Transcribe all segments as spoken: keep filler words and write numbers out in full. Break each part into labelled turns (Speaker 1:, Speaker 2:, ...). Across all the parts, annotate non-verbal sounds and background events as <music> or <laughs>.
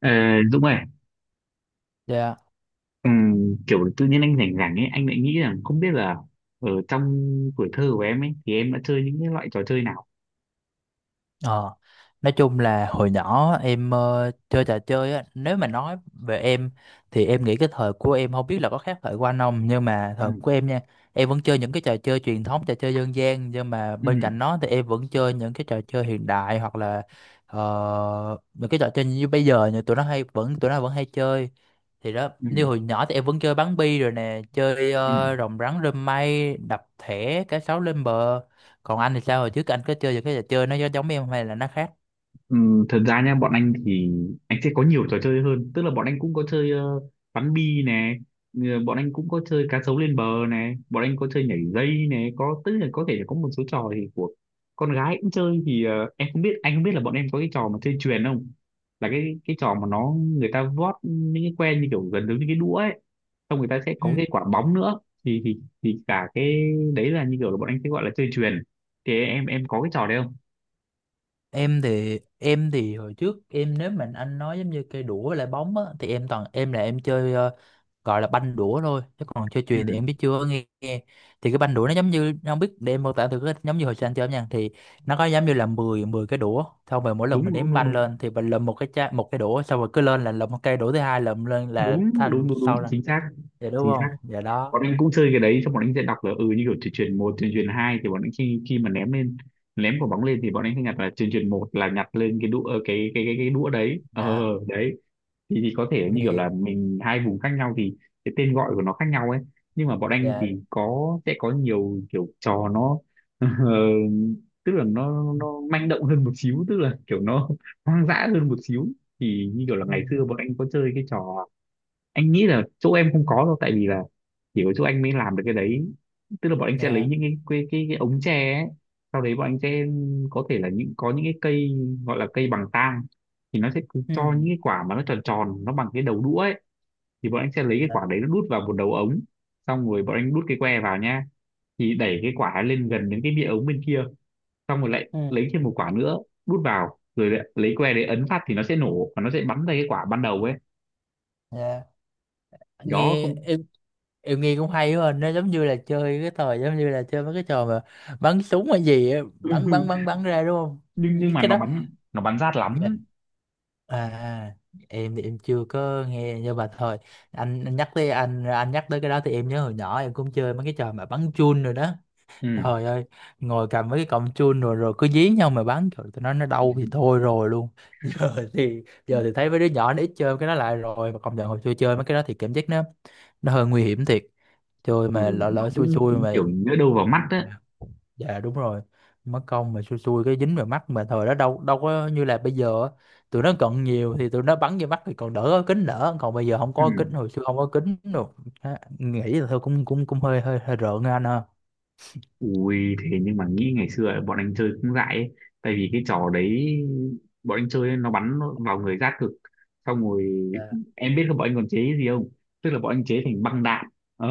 Speaker 1: Ờ, Dũng ơi,
Speaker 2: Dạ,
Speaker 1: ừm, kiểu tự nhiên anh rảnh rảnh ấy, anh lại nghĩ rằng không biết là ở trong tuổi thơ của em ấy thì em đã chơi những cái loại trò chơi nào?
Speaker 2: Ờ, nói chung là hồi nhỏ em ờ, chơi trò chơi á, nếu mà nói về em thì em nghĩ cái thời của em không biết là có khác thời của anh không, nhưng mà
Speaker 1: Ừ,
Speaker 2: thời của em nha, em vẫn chơi những cái trò chơi truyền thống, trò chơi dân gian, nhưng mà
Speaker 1: ừ,
Speaker 2: bên cạnh đó thì em vẫn chơi những cái trò chơi hiện đại hoặc là ờ, những cái trò chơi như bây giờ như tụi nó hay vẫn tụi nó vẫn hay chơi. Thì đó,
Speaker 1: ừ,
Speaker 2: như hồi nhỏ thì em vẫn chơi bắn bi rồi nè, chơi
Speaker 1: ừ.
Speaker 2: ờ, rồng rắn rơm mây, đập thẻ, cá sấu lên bờ. Còn anh thì sao, hồi trước anh có chơi những cái trò chơi nó giống giống em hay là nó khác?
Speaker 1: Ừm, thật ra nha bọn anh thì anh sẽ có nhiều trò chơi hơn, tức là bọn anh cũng có chơi ờ, bắn bi nè, ờ, bọn anh cũng có chơi cá sấu lên bờ nè, bọn anh có chơi nhảy dây nè, có tức là có thể có một số trò thì của con gái cũng chơi. Thì ờ, em không biết anh không biết là bọn em có cái trò mà chơi chuyền không, là cái cái trò mà nó người ta vót những cái que như kiểu gần giống như cái đũa ấy, xong người ta sẽ
Speaker 2: Ừ.
Speaker 1: có cái quả bóng nữa, thì thì thì cả cái đấy là như kiểu là bọn anh sẽ gọi là chơi chuyền. Thì em em có cái trò đấy không?
Speaker 2: Em thì em thì hồi trước em, nếu mà anh nói giống như cây đũa với lại bóng á, thì em toàn em là em chơi ờ, gọi là banh đũa thôi, chứ còn chơi
Speaker 1: Ừ,
Speaker 2: chuyền thì em biết chưa nghe, nghe. Thì cái banh đũa nó giống như, nó không biết, để em mô tả thử, cái giống như hồi xưa anh chơi nha, thì nó có giống như là mười mười cái đũa, xong rồi mỗi lần mình
Speaker 1: đúng đúng
Speaker 2: đếm
Speaker 1: đúng
Speaker 2: banh
Speaker 1: đúng,
Speaker 2: lên thì mình lượm một cái chai, một cái đũa, xong rồi cứ lên là lượm một cây đũa, thứ hai lượm lên là
Speaker 1: đúng
Speaker 2: thành
Speaker 1: đúng đúng đúng
Speaker 2: sau ra.
Speaker 1: chính xác,
Speaker 2: Dạ đúng
Speaker 1: chính
Speaker 2: không,
Speaker 1: xác.
Speaker 2: dạ đó.
Speaker 1: Bọn anh cũng chơi cái đấy. Xong bọn anh sẽ đọc là ừ như kiểu chuyển chuyển một, chuyển chuyển hai, thì bọn anh khi khi mà ném lên, ném quả bóng lên, thì bọn anh sẽ nhặt là chuyển chuyển một là nhặt lên cái đũa, ờ, cái cái cái cái đũa đấy. ờ
Speaker 2: Dạ.
Speaker 1: đấy thì, thì có thể như kiểu là
Speaker 2: Thì
Speaker 1: mình hai vùng khác nhau thì cái tên gọi của nó khác nhau ấy. Nhưng mà bọn anh
Speaker 2: dạ.
Speaker 1: thì có sẽ có nhiều kiểu trò nó <laughs> tức là nó
Speaker 2: Ừ.
Speaker 1: nó manh động hơn một xíu, tức là kiểu nó <laughs> hoang dã hơn một xíu. Thì như kiểu là
Speaker 2: Ừ,
Speaker 1: ngày xưa bọn anh có chơi cái trò, anh nghĩ là chỗ em không có đâu, tại vì là chỉ có chỗ anh mới làm được cái đấy. Tức là bọn anh sẽ lấy
Speaker 2: dạ.
Speaker 1: những cái cái cái, cái ống tre ấy. Sau đấy bọn anh sẽ có thể là những có những cái cây gọi là cây bằng tang, thì nó sẽ cứ
Speaker 2: Ừ.
Speaker 1: cho những cái quả mà nó tròn tròn, nó bằng cái đầu đũa ấy. Thì bọn anh sẽ lấy cái
Speaker 2: Dạ.
Speaker 1: quả đấy nó đút vào một đầu ống, xong rồi bọn anh đút cái que vào nha, thì đẩy cái quả lên gần đến cái miệng ống bên kia, xong rồi lại
Speaker 2: Ừ.
Speaker 1: lấy thêm một quả nữa đút vào, rồi lại lấy que đấy ấn phát thì nó sẽ nổ và nó sẽ bắn ra cái quả ban đầu ấy.
Speaker 2: Dạ.
Speaker 1: Đó
Speaker 2: Nghe
Speaker 1: không?
Speaker 2: em em nghe cũng hay quá à. Nó giống như là chơi cái thời giống như là chơi mấy cái trò mà bắn súng hay gì á, bắn bắn
Speaker 1: <laughs>
Speaker 2: bắn bắn ra đúng không?
Speaker 1: nhưng nhưng
Speaker 2: Những
Speaker 1: mà
Speaker 2: cái
Speaker 1: nó
Speaker 2: đó.
Speaker 1: bắn, nó bắn rát
Speaker 2: Dạ.
Speaker 1: lắm.
Speaker 2: À à. Em thì em chưa có nghe, nhưng mà thôi, anh, anh nhắc tới, anh anh nhắc tới cái đó thì em nhớ hồi nhỏ em cũng chơi mấy cái trò mà bắn chun rồi đó.
Speaker 1: Ừ.
Speaker 2: Trời ơi, ngồi cầm mấy cái cọng chun rồi rồi cứ dí nhau mà bắn, trời tụi nó nó đau thì thôi rồi luôn. <laughs> Giờ thì giờ thì thấy mấy đứa nhỏ nó ít chơi cái đó lại rồi, mà công nhận hồi xưa chơi mấy cái đó thì cảm giác nó nó hơi nguy hiểm thiệt. Chơi
Speaker 1: Ừ,
Speaker 2: mà lỡ
Speaker 1: nó
Speaker 2: lỡ xui
Speaker 1: cũng
Speaker 2: xui mà
Speaker 1: kiểu nhỡ đâu vào mắt đấy.
Speaker 2: dạ đúng rồi. Mất công mà xui xui cái dính vào mắt, mà thời đó đâu, đâu có như là bây giờ á. Tụi nó cận nhiều thì tụi nó bắn vô mắt thì còn đỡ, có kính đỡ, còn bây giờ không có kính,
Speaker 1: Ừ.
Speaker 2: hồi xưa không có kính rồi. Á, nghĩ là thôi cũng cũng cũng hơi hơi hơi rợn á anh ha.
Speaker 1: Ui thế, nhưng mà nghĩ ngày xưa ấy, bọn anh chơi cũng dại ấy. Tại vì cái trò đấy bọn anh chơi ấy, nó bắn nó vào người rát cực. Xong rồi em biết là bọn anh còn chế cái gì không? Tức là bọn anh chế thành băng đạn. ờ,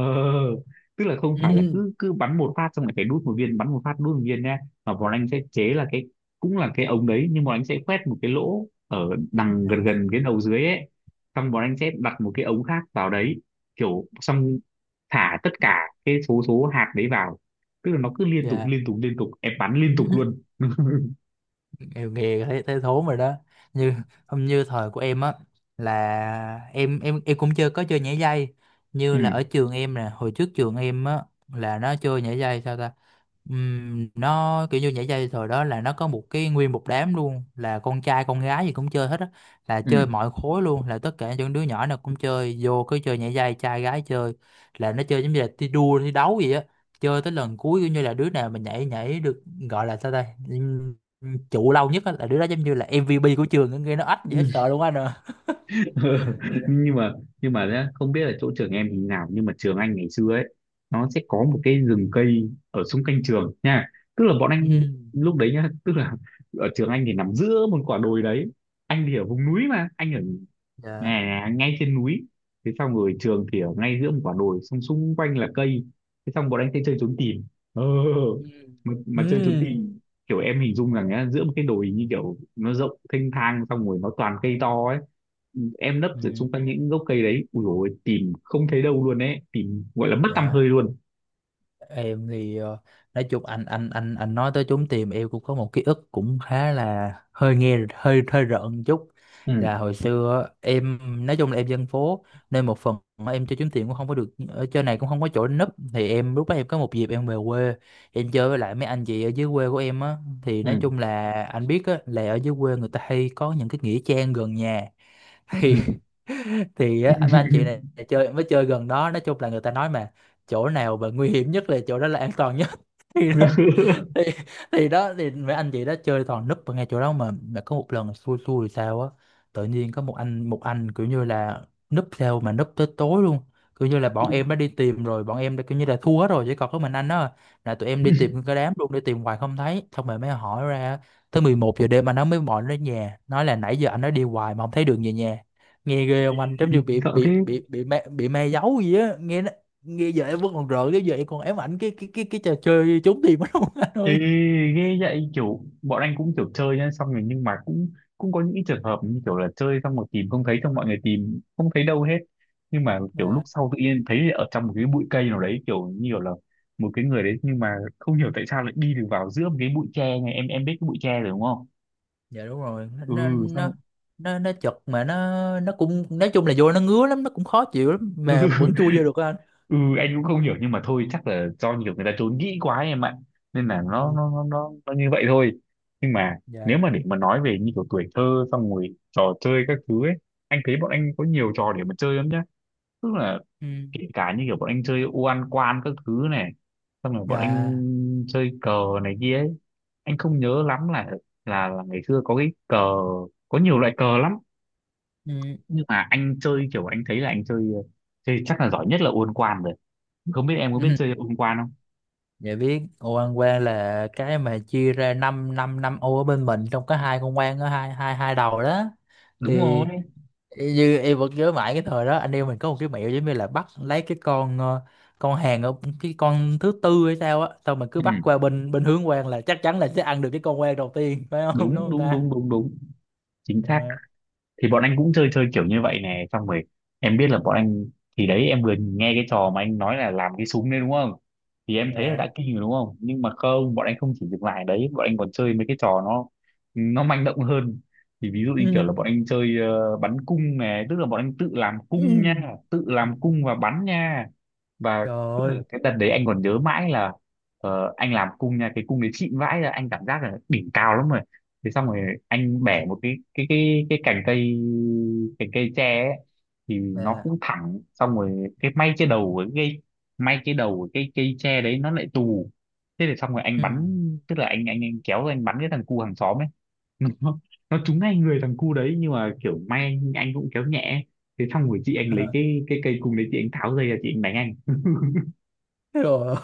Speaker 1: Tức là không phải là
Speaker 2: Ừ,
Speaker 1: cứ cứ bắn một phát xong lại phải đút một viên, bắn một phát đút một viên nha, mà bọn anh sẽ chế là cái cũng là cái ống đấy, nhưng bọn anh sẽ khoét một cái lỗ ở đằng gần gần cái đầu dưới ấy, xong bọn anh sẽ đặt một cái ống khác vào đấy, kiểu xong thả tất cả cái số số hạt đấy vào, tức là nó cứ liên tục
Speaker 2: dạ.
Speaker 1: liên tục liên tục, em bắn liên tục
Speaker 2: <clears throat>
Speaker 1: luôn. <laughs>
Speaker 2: Nghèo nghèo thấy thấy thốn rồi đó. Như không như thời của em á, là em em em cũng chơi, có chơi nhảy dây, như là
Speaker 1: Ừ,
Speaker 2: ở trường em nè, hồi trước trường em á là nó chơi nhảy dây sao ta. Ừm, nó kiểu như nhảy dây thời đó là nó có một cái, nguyên một đám luôn, là con trai con gái gì cũng chơi hết á, là
Speaker 1: ừ,
Speaker 2: chơi mọi khối luôn, là tất cả những đứa nhỏ nào cũng chơi vô, cứ chơi nhảy dây trai gái chơi, là nó chơi giống như là thi đua thi đấu gì á, chơi tới lần cuối kiểu như là đứa nào mà nhảy nhảy được, gọi là sao đây, Ừ, trụ lâu nhất á, là đứa đó giống như là em vi pi của trường á, nghe nó ách dễ
Speaker 1: ừ.
Speaker 2: sợ luôn anh nè.
Speaker 1: <laughs> nhưng mà nhưng mà nhá, không biết là chỗ trường em như nào nhưng mà trường anh ngày xưa ấy, nó sẽ có một cái rừng cây ở xung quanh trường nha. Tức là bọn
Speaker 2: Ừ.
Speaker 1: anh
Speaker 2: <laughs>
Speaker 1: lúc đấy nhá, tức là ở trường anh thì nằm giữa một quả đồi đấy. Anh thì ở vùng núi mà anh ở
Speaker 2: Dạ.
Speaker 1: ngay, ngay trên núi. Thế xong rồi trường thì ở ngay giữa một quả đồi, xong xung quanh là cây. Thế xong bọn anh sẽ chơi trốn tìm, ờ,
Speaker 2: Ừ.
Speaker 1: mà, mà chơi trốn
Speaker 2: Ừ.
Speaker 1: tìm kiểu em hình dung rằng nhá, giữa một cái đồi như kiểu nó rộng thênh thang, xong rồi nó toàn cây to ấy, em nấp ở
Speaker 2: Ừ.
Speaker 1: xung quanh những gốc cây đấy. Ui dồi, tìm không thấy đâu luôn ấy, tìm gọi là mất tăm
Speaker 2: Dạ.
Speaker 1: hơi luôn.
Speaker 2: Em thì ờ, nói chung, anh anh anh anh nói tới trốn tìm, em cũng có một ký ức cũng khá là hơi nghe hơi hơi rợn một chút,
Speaker 1: Ừ,
Speaker 2: là hồi xưa á, em nói chung là em dân phố, nên một phần mà em chơi trốn tìm cũng không có được, ở chơi này cũng không có chỗ để núp, thì em, lúc đó em có một dịp em về quê, em chơi với lại mấy anh chị ở dưới quê của em á, thì nói
Speaker 1: ừ,
Speaker 2: chung là anh biết á, là ở dưới quê người ta hay có những cái nghĩa trang gần nhà.
Speaker 1: ừ.
Speaker 2: Thì <laughs> thì á, mấy anh chị
Speaker 1: <laughs>
Speaker 2: này chơi, mới chơi gần đó, nói chung là người ta nói mà, chỗ nào mà nguy hiểm nhất là chỗ đó là an toàn nhất. <laughs> Thì đó, thì thì đó, thì mấy anh chị đó chơi toàn núp ở ngay chỗ đó. Mà mà có một lần xui xui thì sao á, tự nhiên có một anh, một anh kiểu như là núp theo mà núp tới tối luôn, kiểu như là bọn
Speaker 1: Ui,
Speaker 2: em đã đi tìm rồi, bọn em đã kiểu như là thua hết rồi, chỉ còn có mình anh đó à. Là tụi em đi tìm cái đám luôn, đi tìm hoài không thấy, xong rồi mới hỏi ra, tới mười một giờ đêm anh nó mới gọi đến nhà, nói là nãy giờ anh nó đi hoài mà không thấy đường về nhà. Nghe ghê không anh, giống như bị
Speaker 1: sợ
Speaker 2: bị
Speaker 1: thế.
Speaker 2: bị bị ma, bị ma giấu gì á nghe. Nghe giờ em vẫn còn rợn, nếu giờ em còn ám ảnh cái cái cái cái trò chơi trốn tìm đó luôn. <laughs> Anh
Speaker 1: Thế
Speaker 2: ơi.
Speaker 1: ghê vậy, kiểu bọn anh cũng kiểu chơi nhá, xong rồi nhưng mà cũng cũng có những cái trường hợp như kiểu là chơi xong rồi tìm không thấy, xong mọi người tìm không thấy đâu hết, nhưng mà kiểu lúc
Speaker 2: Dạ.
Speaker 1: sau tự nhiên thấy ở trong một cái bụi cây nào đấy, kiểu như kiểu là một cái người đấy, nhưng mà không hiểu tại sao lại đi được vào giữa một cái bụi tre này. Em em biết cái bụi tre rồi đúng không?
Speaker 2: Dạ đúng rồi,
Speaker 1: Ừ,
Speaker 2: nó
Speaker 1: xong.
Speaker 2: nó nó nó chật, mà nó nó cũng, nói chung là vô nó ngứa lắm, nó cũng khó chịu lắm, mà
Speaker 1: <laughs>
Speaker 2: vẫn chui vô được á anh.
Speaker 1: Ừ, anh cũng không hiểu, nhưng mà thôi chắc là do nhiều người ta trốn kỹ quá em ạ, nên là
Speaker 2: Ừ,
Speaker 1: nó nó nó nó, nó như vậy thôi. Nhưng mà nếu
Speaker 2: dạ.
Speaker 1: mà để mà nói về như kiểu tuổi thơ xong rồi trò chơi các thứ ấy, anh thấy bọn anh có nhiều trò để mà chơi lắm nhá. Tức là
Speaker 2: Ừ.
Speaker 1: kể cả như kiểu bọn anh chơi ô ăn quan các thứ này, xong rồi bọn
Speaker 2: À.
Speaker 1: anh chơi cờ này kia ấy. Anh không nhớ lắm là là là ngày xưa có cái cờ, có nhiều loại cờ lắm,
Speaker 2: Ừ.
Speaker 1: nhưng mà anh chơi kiểu anh thấy là anh chơi chơi chắc là giỏi nhất là ô ăn quan rồi. Không biết em có biết chơi
Speaker 2: Ừ.
Speaker 1: ô ăn quan không?
Speaker 2: Dạ biết ô ăn quan là cái mà chia ra năm năm năm ô ở bên mình, trong có hai con quan ở hai hai hai đầu đó.
Speaker 1: Đúng
Speaker 2: Thì
Speaker 1: rồi.
Speaker 2: Y- như em vẫn nhớ mãi cái thời đó, anh em mình có một cái mẹo giống như là bắt lấy cái con ờ, con hàng ở cái con thứ tư hay sao á, xong mình cứ bắt
Speaker 1: Ừ.
Speaker 2: qua bên bên hướng quang là chắc chắn là sẽ ăn được cái con quang đầu tiên. <laughs> Phải không, đúng
Speaker 1: Đúng
Speaker 2: không
Speaker 1: đúng
Speaker 2: ta?
Speaker 1: đúng đúng đúng, chính xác.
Speaker 2: Dạ.
Speaker 1: Thì bọn anh cũng chơi chơi kiểu như vậy nè, xong rồi em biết là bọn anh, thì đấy em vừa nghe cái trò mà anh nói là làm cái súng đấy đúng không, thì em thấy là
Speaker 2: Dạ.
Speaker 1: đã kinh rồi đúng không, nhưng mà không, bọn anh không chỉ dừng lại ở đấy, bọn anh còn chơi mấy cái trò nó nó manh động hơn. Thì ví dụ
Speaker 2: <laughs>
Speaker 1: như kiểu
Speaker 2: Ừ.
Speaker 1: là bọn anh chơi ờ, bắn cung nè, tức là bọn anh tự làm cung
Speaker 2: Ừ.
Speaker 1: nha, tự làm cung và bắn nha, và
Speaker 2: Trời ơi.
Speaker 1: cái đợt đấy anh còn nhớ mãi là, ờ, anh làm cung nha, cái cung đấy xịn vãi ra, anh cảm giác là đỉnh cao lắm rồi. Thế xong rồi anh bẻ một cái cái cái cái cành cây, cành cây tre ấy, thì nó
Speaker 2: Dạ.
Speaker 1: cũng thẳng, xong rồi cái may trên đầu của cái cây, may trên đầu của cái cây tre đấy nó lại tù. Thế thì xong rồi anh
Speaker 2: Ừ.
Speaker 1: bắn, tức là anh anh, anh kéo ra anh bắn cái thằng cu hàng xóm ấy. <laughs> nó, nó trúng ngay người thằng cu đấy, nhưng mà kiểu may anh cũng kéo nhẹ ấy. Thế xong rồi chị anh lấy cái cái cây cung đấy, chị anh tháo dây ra, chị anh đánh anh. <laughs>
Speaker 2: Trời.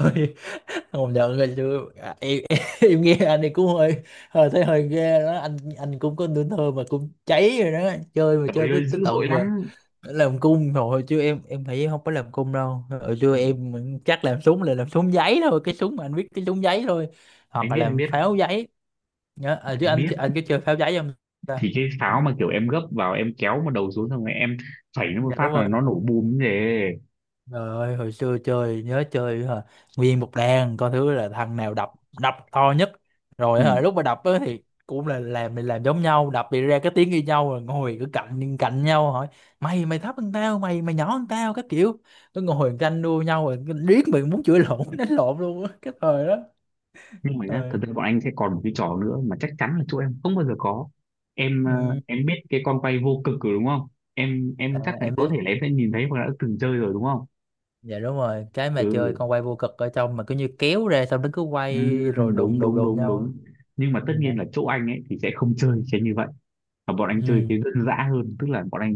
Speaker 2: <laughs> Không nhận rồi chứ à, em, <laughs> em, em nghe anh ấy cũng hơi, hơi thấy hơi ghê đó anh. Anh cũng có tuổi thơ mà cũng cháy rồi đó, chơi mà chơi
Speaker 1: Trời
Speaker 2: tới
Speaker 1: ơi,
Speaker 2: tới
Speaker 1: dữ
Speaker 2: tận
Speaker 1: dội
Speaker 2: về
Speaker 1: lắm.
Speaker 2: làm cung rồi chứ. em em thấy em không có làm cung đâu, hồi xưa
Speaker 1: Ừ,
Speaker 2: em chắc làm súng là làm súng giấy thôi, cái súng mà anh biết, cái súng giấy thôi, hoặc
Speaker 1: anh
Speaker 2: là
Speaker 1: biết, anh
Speaker 2: làm
Speaker 1: biết,
Speaker 2: pháo giấy. Nhớ à, chứ
Speaker 1: anh
Speaker 2: anh
Speaker 1: biết.
Speaker 2: anh có chơi pháo giấy không ta?
Speaker 1: Thì cái
Speaker 2: Ừ.
Speaker 1: pháo mà kiểu em gấp vào, em kéo một đầu xuống xong rồi em phẩy nó một
Speaker 2: Dạ
Speaker 1: phát
Speaker 2: đúng
Speaker 1: là
Speaker 2: rồi.
Speaker 1: nó nổ bùm như thế.
Speaker 2: Trời ơi, hồi xưa chơi, nhớ chơi hả? Nguyên một đàn coi thứ là thằng nào đập, đập to nhất,
Speaker 1: Ừ.
Speaker 2: rồi hả lúc mà đập á, thì cũng là làm mình làm giống nhau, đập bị ra cái tiếng như nhau, rồi ngồi cứ cạnh cạnh nhau hỏi mày mày thấp hơn tao, mày mày nhỏ hơn tao các kiểu, cứ ngồi tranh đua nhau, rồi cứ riết mình muốn chửi lộn <laughs> đánh lộn luôn á cái thời đó.
Speaker 1: Nhưng mà nhá, thật
Speaker 2: Rồi.
Speaker 1: ra bọn anh sẽ còn một cái trò nữa mà chắc chắn là chỗ em không bao giờ có. em ờ,
Speaker 2: Ừ.
Speaker 1: em biết cái con quay vô cực rồi đúng không, em
Speaker 2: À
Speaker 1: em chắc là
Speaker 2: em
Speaker 1: có
Speaker 2: biết.
Speaker 1: thể là em sẽ nhìn thấy hoặc là đã từng chơi rồi đúng không?
Speaker 2: Dạ đúng rồi, cái mà chơi
Speaker 1: Ừ,
Speaker 2: con quay vô cực, ở trong mà cứ như kéo ra xong nó cứ
Speaker 1: ừ,
Speaker 2: quay rồi đụng
Speaker 1: đúng
Speaker 2: đụng
Speaker 1: đúng
Speaker 2: đụng
Speaker 1: đúng
Speaker 2: nhau á.
Speaker 1: đúng. Nhưng mà tất
Speaker 2: Dạ.
Speaker 1: nhiên là chỗ anh ấy thì sẽ không chơi sẽ như vậy, và bọn anh chơi
Speaker 2: Ừ.
Speaker 1: cái dân dã hơn, tức là bọn anh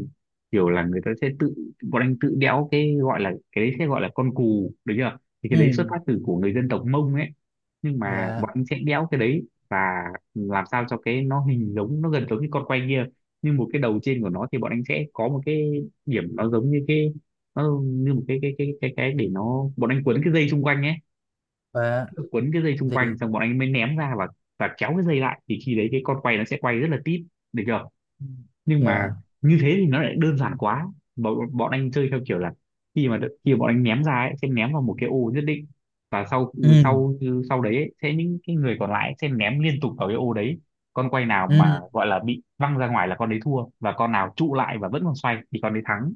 Speaker 1: kiểu là người ta sẽ tự, bọn anh tự đẽo cái gọi là cái đấy, sẽ gọi là con cù được chưa, thì cái
Speaker 2: Ừ.
Speaker 1: đấy xuất phát từ của người dân tộc Mông ấy. Nhưng mà
Speaker 2: Dạ.
Speaker 1: bọn anh sẽ đẽo cái đấy, và làm sao cho cái nó hình giống, nó gần giống như con quay kia, nhưng một cái đầu trên của nó thì bọn anh sẽ có một cái điểm nó giống như cái, nó như một cái cái cái cái cái để nó, bọn anh quấn cái dây xung quanh ấy,
Speaker 2: Và.
Speaker 1: quấn cái dây xung
Speaker 2: Gì.
Speaker 1: quanh xong bọn anh mới ném ra, và và kéo cái dây lại thì khi đấy cái con quay nó sẽ quay rất là tít, được chưa?
Speaker 2: Ừ,
Speaker 1: Nhưng mà
Speaker 2: dạ.
Speaker 1: như thế thì nó lại đơn giản quá. Bọn, bọn anh chơi theo kiểu là khi mà khi mà bọn anh ném ra ấy sẽ ném vào một cái ô nhất định, và sau ừ,
Speaker 2: Ừ.
Speaker 1: sau ừ, sau đấy ấy, sẽ những cái người còn lại sẽ ném liên tục vào cái ô đấy. Con quay nào mà
Speaker 2: Ừ.
Speaker 1: gọi là bị văng ra ngoài là con đấy thua, và con nào trụ lại và vẫn còn xoay thì con đấy thắng.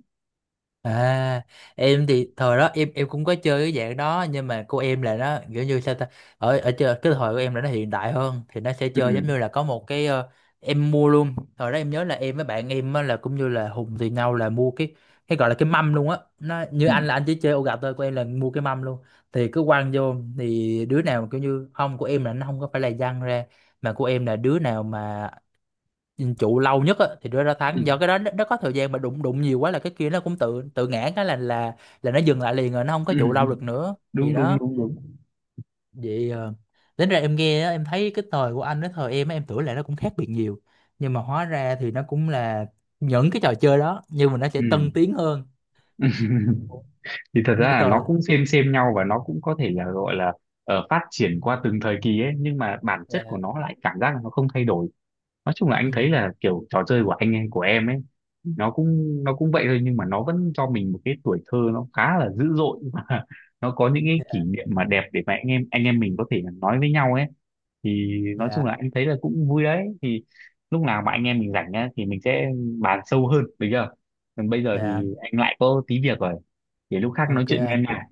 Speaker 2: À em thì thời đó em em cũng có chơi cái dạng đó, nhưng mà của em là nó kiểu như sao ta, ở ở chơi cái thời của em là nó hiện đại hơn, thì nó sẽ
Speaker 1: Ừ.
Speaker 2: chơi giống như là có một cái ờ, em mua luôn, thời đó em nhớ là em với bạn em á, là cũng như là Hùng thì nhau là mua cái cái gọi là cái mâm luôn á, nó như
Speaker 1: Ừ.
Speaker 2: anh là anh chỉ chơi ô gà thôi, của em là mua cái mâm luôn. Thì cứ quăng vô thì đứa nào kiểu như không, của em là nó không có phải là văng ra, mà của em là đứa nào mà nhìn trụ lâu nhất á thì đưa ra
Speaker 1: Ừ.
Speaker 2: thắng, do cái đó nó, nó có thời gian mà đụng đụng nhiều quá là cái kia nó cũng tự tự ngã cái là là là nó dừng lại liền rồi, nó không có
Speaker 1: Ừ.
Speaker 2: trụ lâu được nữa, thì
Speaker 1: Đúng đúng
Speaker 2: đó.
Speaker 1: đúng đúng.
Speaker 2: Vậy ờ, đến ra em nghe á, em thấy cái thời của anh với thời em á, em tưởng là nó cũng khác biệt nhiều, nhưng mà hóa ra thì nó cũng là những cái trò chơi đó, nhưng mà nó sẽ tân tiến hơn.
Speaker 1: Ừ. <laughs> Thì thật
Speaker 2: Như
Speaker 1: ra là nó
Speaker 2: thời.
Speaker 1: cũng xem xem nhau, và nó cũng có thể là gọi là ờ, phát triển
Speaker 2: Ừ,
Speaker 1: qua từng thời kỳ ấy, nhưng mà bản chất của
Speaker 2: dạ.
Speaker 1: nó lại cảm giác là nó không thay đổi. Nói chung là anh
Speaker 2: Ừ,
Speaker 1: thấy là kiểu trò chơi của anh ấy, của em ấy, nó cũng nó cũng vậy thôi, nhưng mà nó vẫn cho mình một cái tuổi thơ nó khá là dữ dội <laughs> và nó có những cái
Speaker 2: dạ.
Speaker 1: kỷ niệm mà đẹp để mà anh em anh em mình có thể là nói với nhau ấy. Thì nói
Speaker 2: Dạ.
Speaker 1: chung là anh thấy là cũng vui đấy. Thì lúc
Speaker 2: Ừ,
Speaker 1: nào mà anh em mình rảnh nhá thì mình sẽ bàn sâu hơn được chưa? Còn bây giờ
Speaker 2: dạ.
Speaker 1: thì anh lại có tí việc rồi, để lúc khác nói
Speaker 2: Ok
Speaker 1: chuyện với em
Speaker 2: anh.
Speaker 1: nha.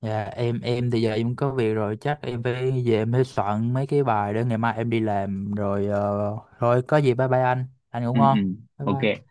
Speaker 2: Dạ em em thì giờ em có việc rồi, chắc em phải về, em phải soạn mấy cái bài để ngày mai em đi làm rồi. ờ, Thôi có gì bye bye anh anh ngủ
Speaker 1: Ừ,
Speaker 2: ngon.
Speaker 1: ừ,
Speaker 2: Bye bye.
Speaker 1: ok.